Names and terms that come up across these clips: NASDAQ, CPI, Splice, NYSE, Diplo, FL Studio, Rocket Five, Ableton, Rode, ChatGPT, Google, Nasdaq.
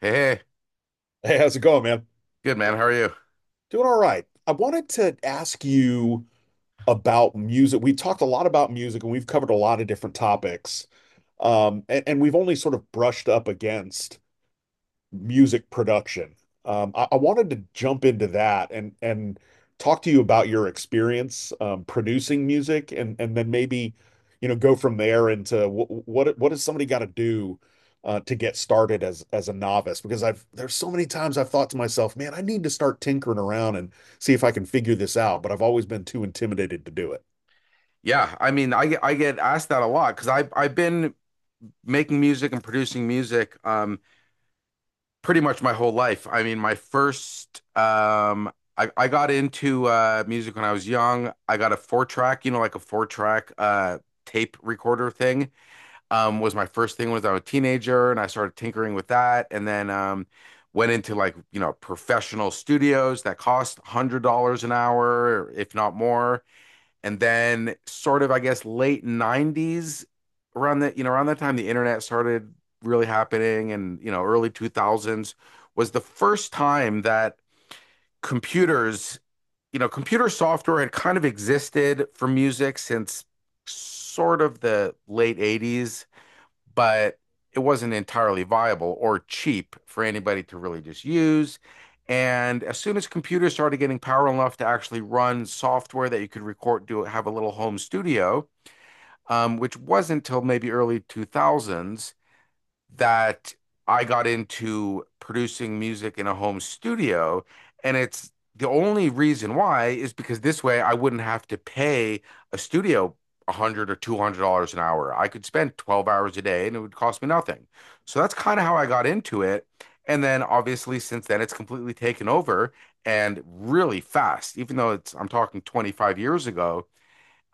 Hey, hey, Hey, how's it going, man? good man. How are you? Doing all right. I wanted to ask you about music. We talked a lot about music and we've covered a lot of different topics. And we've only sort of brushed up against music production. I wanted to jump into that and talk to you about your experience producing music, and then maybe go from there into what does somebody got to do to get started as a novice? Because I've there's so many times I've thought to myself, man, I need to start tinkering around and see if I can figure this out, but I've always been too intimidated to do it. Yeah, I mean, I get asked that a lot because I've been making music and producing music pretty much my whole life. I mean, my first I got into music when I was young. I got a four track, you know, like a four track tape recorder thing. Was my first thing when I was a teenager, and I started tinkering with that, and then went into, like, professional studios that cost $100 an hour, if not more. And then, sort of, I guess, late 90s, around the, you know around that time the internet started really happening, and, early 2000s was the first time that computers you know computer software had kind of existed for music since sort of the late 80s. But it wasn't entirely viable or cheap for anybody to really just use. And as soon as computers started getting power enough to actually run software that you could record, do, have a little home studio, which wasn't until maybe early 2000s, that I got into producing music in a home studio. And it's the only reason why is because this way I wouldn't have to pay a studio 100 or $200 an hour. I could spend 12 hours a day and it would cost me nothing. So that's kind of how I got into it. And then obviously since then it's completely taken over, and really fast, even though it's I'm talking 25 years ago.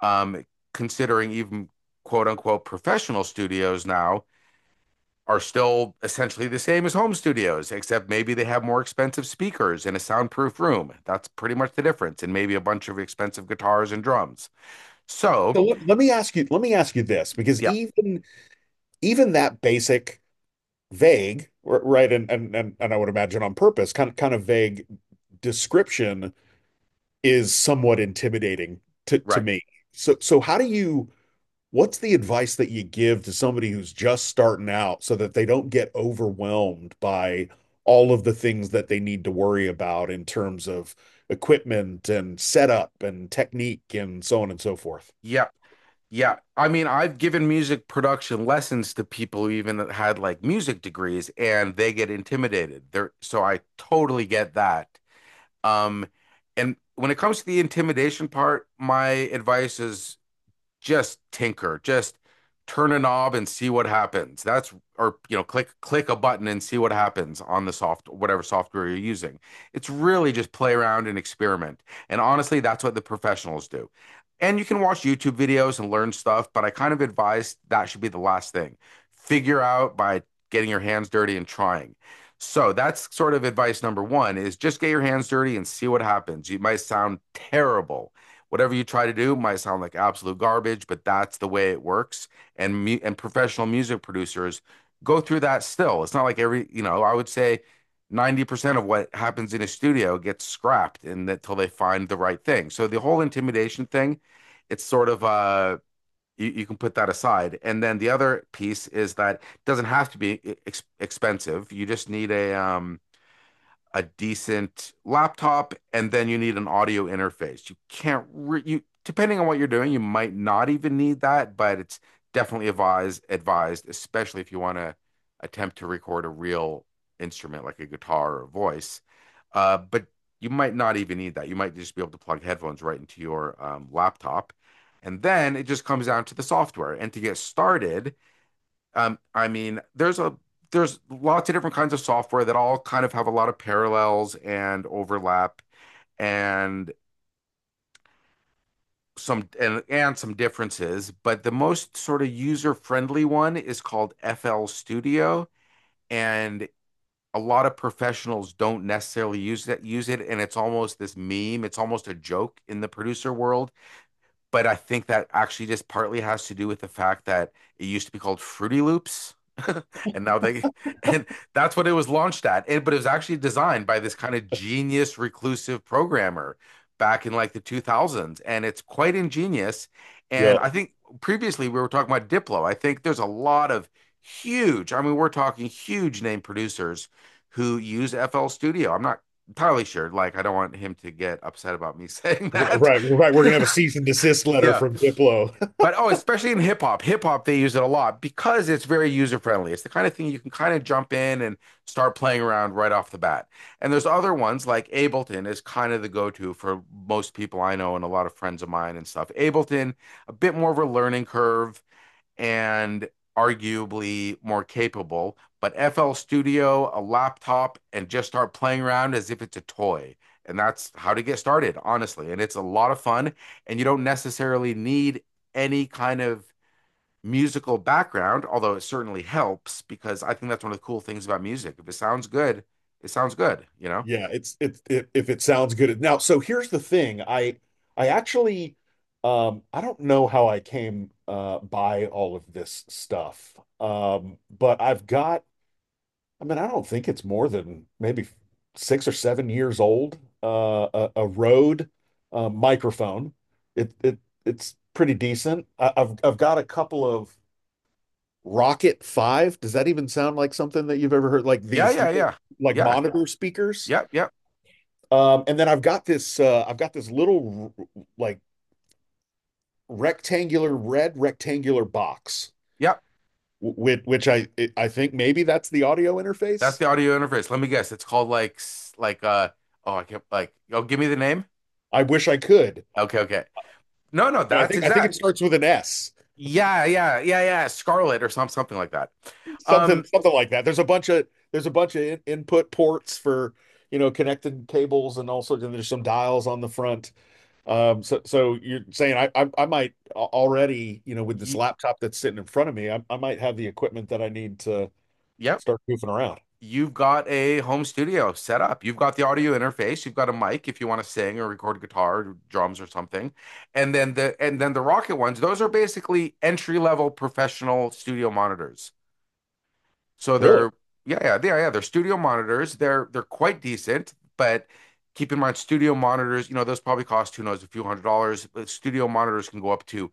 um, Considering, even, quote unquote, professional studios now are still essentially the same as home studios, except maybe they have more expensive speakers in a soundproof room. That's pretty much the difference, and maybe a bunch of expensive guitars and drums. So, So let, let me ask you, let me ask you this, because yeah, even that basic vague, right, and I would imagine on purpose, kind of vague description is somewhat intimidating to right. me. So how do you, what's the advice that you give to somebody who's just starting out so that they don't get overwhelmed by all of the things that they need to worry about in terms of equipment and setup and technique and so on and so forth? Yeah, yeah. I mean, I've given music production lessons to people who even had, like, music degrees, and they get intimidated. So I totally get that. Um, and when it comes to the intimidation part, my advice is just tinker, just turn a knob and see what happens. That's or you know, Click a button and see what happens on the soft whatever software you're using. It's really just play around and experiment. And honestly, that's what the professionals do. And you can watch YouTube videos and learn stuff, but I kind of advise that should be the last thing. Figure out by getting your hands dirty and trying. So that's sort of advice number one: is just get your hands dirty and see what happens. It might sound terrible, whatever you try to do might sound like absolute garbage, but that's the way it works. And mu and professional music producers go through that still. It's not like I would say 90% of what happens in a studio gets scrapped, and that till they find the right thing. So the whole intimidation thing, it's sort of you can put that aside. And then the other piece is that it doesn't have to be e, ex expensive. You just need a decent laptop, and then you need an audio interface. You can't re- You, depending on what you're doing, you might not even need that, but it's definitely advised, especially if you want to attempt to record a real instrument like a guitar or a voice. But you might not even need that. You might just be able to plug headphones right into your laptop. And then it just comes down to the software. And to get started, I mean, there's lots of different kinds of software that all kind of have a lot of parallels and overlap, and some differences, but the most sort of user-friendly one is called FL Studio. And a lot of professionals don't necessarily use it, and it's almost this meme, it's almost a joke in the producer world, but I think that actually just partly has to do with the fact that it used to be called Fruity Loops. and now they and that's what it was launched at. But it was actually designed by this kind of genius reclusive programmer back in like the 2000s, and it's quite ingenious. And I think previously we were talking about Diplo. I think there's a lot of huge, I mean, we're talking huge name producers who use FL Studio. I'm not entirely sure. Like, I don't want him to get upset about me saying that. Right, right. We're gonna have a cease and desist letter Yeah, from Diplo. but, oh, especially in hip hop, they use it a lot because it's very user friendly. It's the kind of thing you can kind of jump in and start playing around right off the bat. And there's other ones like Ableton is kind of the go-to for most people I know and a lot of friends of mine and stuff. Ableton, a bit more of a learning curve, and arguably more capable. But FL Studio, a laptop, and just start playing around as if it's a toy. And that's how to get started, honestly. And it's a lot of fun. And you don't necessarily need any kind of musical background, although it certainly helps, because I think that's one of the cool things about music. If it sounds good, it sounds good, you know? Yeah, if it sounds good. Now, so here's the thing. I actually I don't know how I came by all of this stuff. Um, but I've got, I mean, I don't think it's more than maybe six or seven years old. A Rode microphone. It it it's pretty decent. I've got a couple of Rocket Five. Does that even sound like something that you've ever heard? Like Yeah, these yeah, little, yeah. like Yeah. monitor speakers. Yep, yep, And then I've got this little like rectangular red rectangular box, yep. which I think maybe that's the audio That's interface. the audio interface. Let me guess. It's called like oh, I can't, like, oh, give me the name. I wish I could, Okay, okay. No, no, but I that's think I think it exact. starts with an S. Yeah, yeah, yeah, yeah. Scarlet or something like that. Something Um, something like that. There's a bunch of input ports for you know connected cables and also sorts. There's some dials on the front. So you're saying I might already, you know, with this y laptop that's sitting in front of me, I might have the equipment that I need to Yep. start goofing around. You've got a home studio set up. You've got the audio interface. You've got a mic if you want to sing or record guitar, or drums, or something. And then the Rocket ones, those are basically entry level professional studio monitors. So Really, they're yeah, yeah, yeah, yeah. They're studio monitors. They're quite decent, but keep in mind studio monitors, those probably cost, who knows, a few hundred dollars. But studio monitors can go up to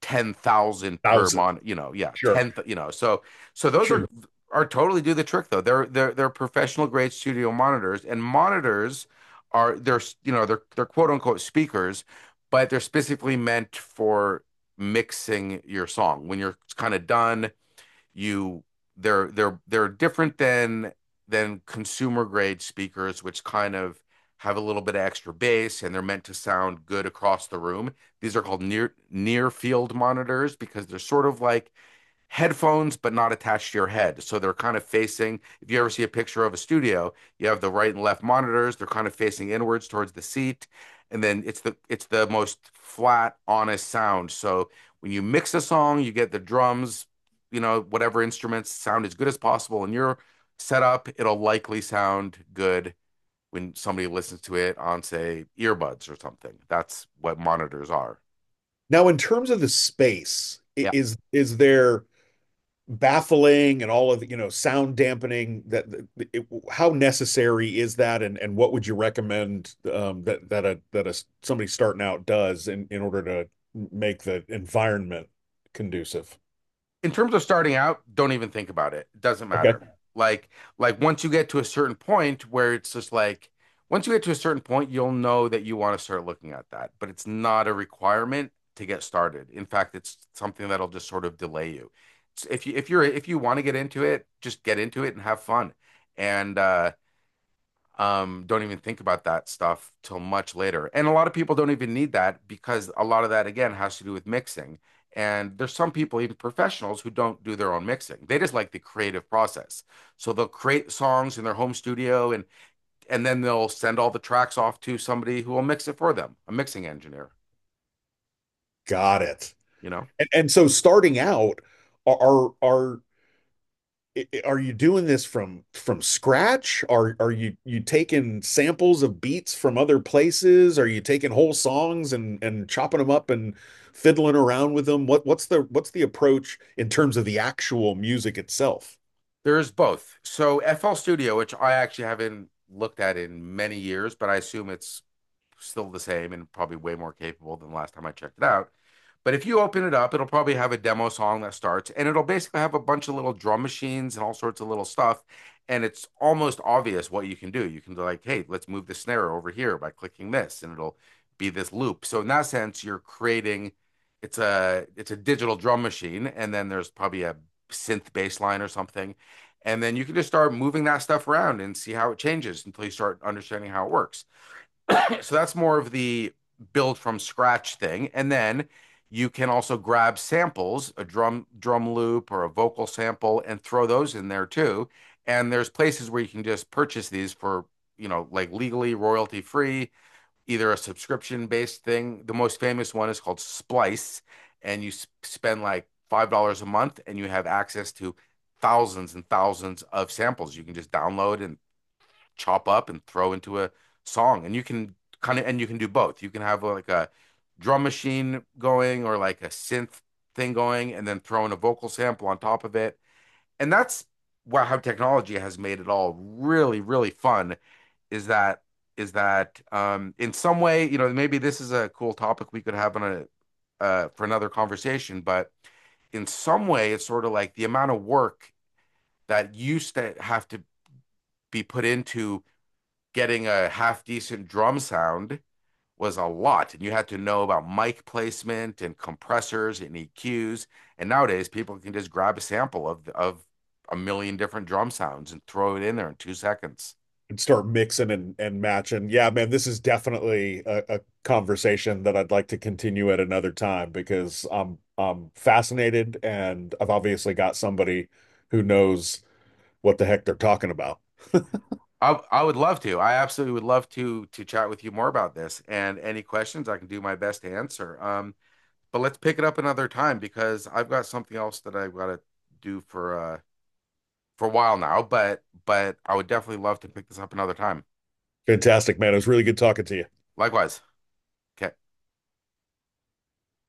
10,000 per thousand, month. You know, yeah, sure, ten. You know, so those are sure. are totally do the trick, though. They're professional grade studio monitors, and monitors are they're you know they're quote unquote speakers, but they're specifically meant for mixing your song when you're kind of done. You they're they're they're different than consumer grade speakers, which kind of have a little bit of extra bass and they're meant to sound good across the room. These are called near field monitors because they're sort of like headphones but not attached to your head. So they're kind of facing, if you ever see a picture of a studio, you have the right and left monitors, they're kind of facing inwards towards the seat. And then it's the most flat, honest sound. So when you mix a song, you get the drums, whatever instruments sound as good as possible in your setup, it'll likely sound good when somebody listens to it on, say, earbuds or something. That's what monitors are. Now in terms of the space, Yeah. Is there baffling and all of the, you know, sound dampening, that it, how necessary is that, and what would you recommend that a somebody starting out does in order to make the environment conducive? In terms of starting out, don't even think about it. It doesn't Okay. matter. Like like, once you get to a certain point where it's just like, once you get to a certain point, you'll know that you want to start looking at that, but it's not a requirement to get started. In fact, it's something that'll just sort of delay you. If you want to get into it, just get into it and have fun. And don't even think about that stuff till much later. And a lot of people don't even need that, because a lot of that, again, has to do with mixing. And there's some people, even professionals, who don't do their own mixing. They just like the creative process. So they'll create songs in their home studio, and then they'll send all the tracks off to somebody who will mix it for them, a mixing engineer, Got it. you know? And so starting out, are are are you doing this from scratch? Are you taking samples of beats from other places? Are you taking whole songs and chopping them up and fiddling around with them? What's the approach in terms of the actual music itself? There's both. So FL Studio, which I actually haven't looked at in many years, but I assume it's still the same and probably way more capable than the last time I checked it out. But if you open it up, it'll probably have a demo song that starts, and it'll basically have a bunch of little drum machines and all sorts of little stuff. And it's almost obvious what you can do. You can be like, hey, let's move the snare over here by clicking this, and it'll be this loop. So in that sense, you're creating, it's a digital drum machine, and then there's probably a synth bass line or something. And then you can just start moving that stuff around and see how it changes until you start understanding how it works. So that's more of the build from scratch thing. And then you can also grab samples, a drum loop or a vocal sample, and throw those in there too. And there's places where you can just purchase these for, like, legally royalty free, either a subscription based thing. The most famous one is called Splice, and you spend like $5 a month, and you have access to thousands and thousands of samples you can just download and chop up and throw into a song. And you can kind of, and you can do both. You can have like a drum machine going or like a synth thing going, and then throw in a vocal sample on top of it. And that's, wow, how technology has made it all really, really fun is that, in some way, maybe this is a cool topic we could have on a for another conversation. But in some way, it's sort of like the amount of work that used to have to be put into getting a half decent drum sound was a lot. And you had to know about mic placement and compressors and EQs. And nowadays, people can just grab a sample of a million different drum sounds and throw it in there in 2 seconds. And start mixing and matching. Yeah, man, this is definitely a conversation that I'd like to continue at another time because I'm fascinated and I've obviously got somebody who knows what the heck they're talking about. I would love to. I absolutely would love to chat with you more about this. And any questions, I can do my best to answer. But let's pick it up another time, because I've got something else that I've got to do for a while now. But I would definitely love to pick this up another time. Fantastic, man. It was really good talking to you. Likewise. Okay.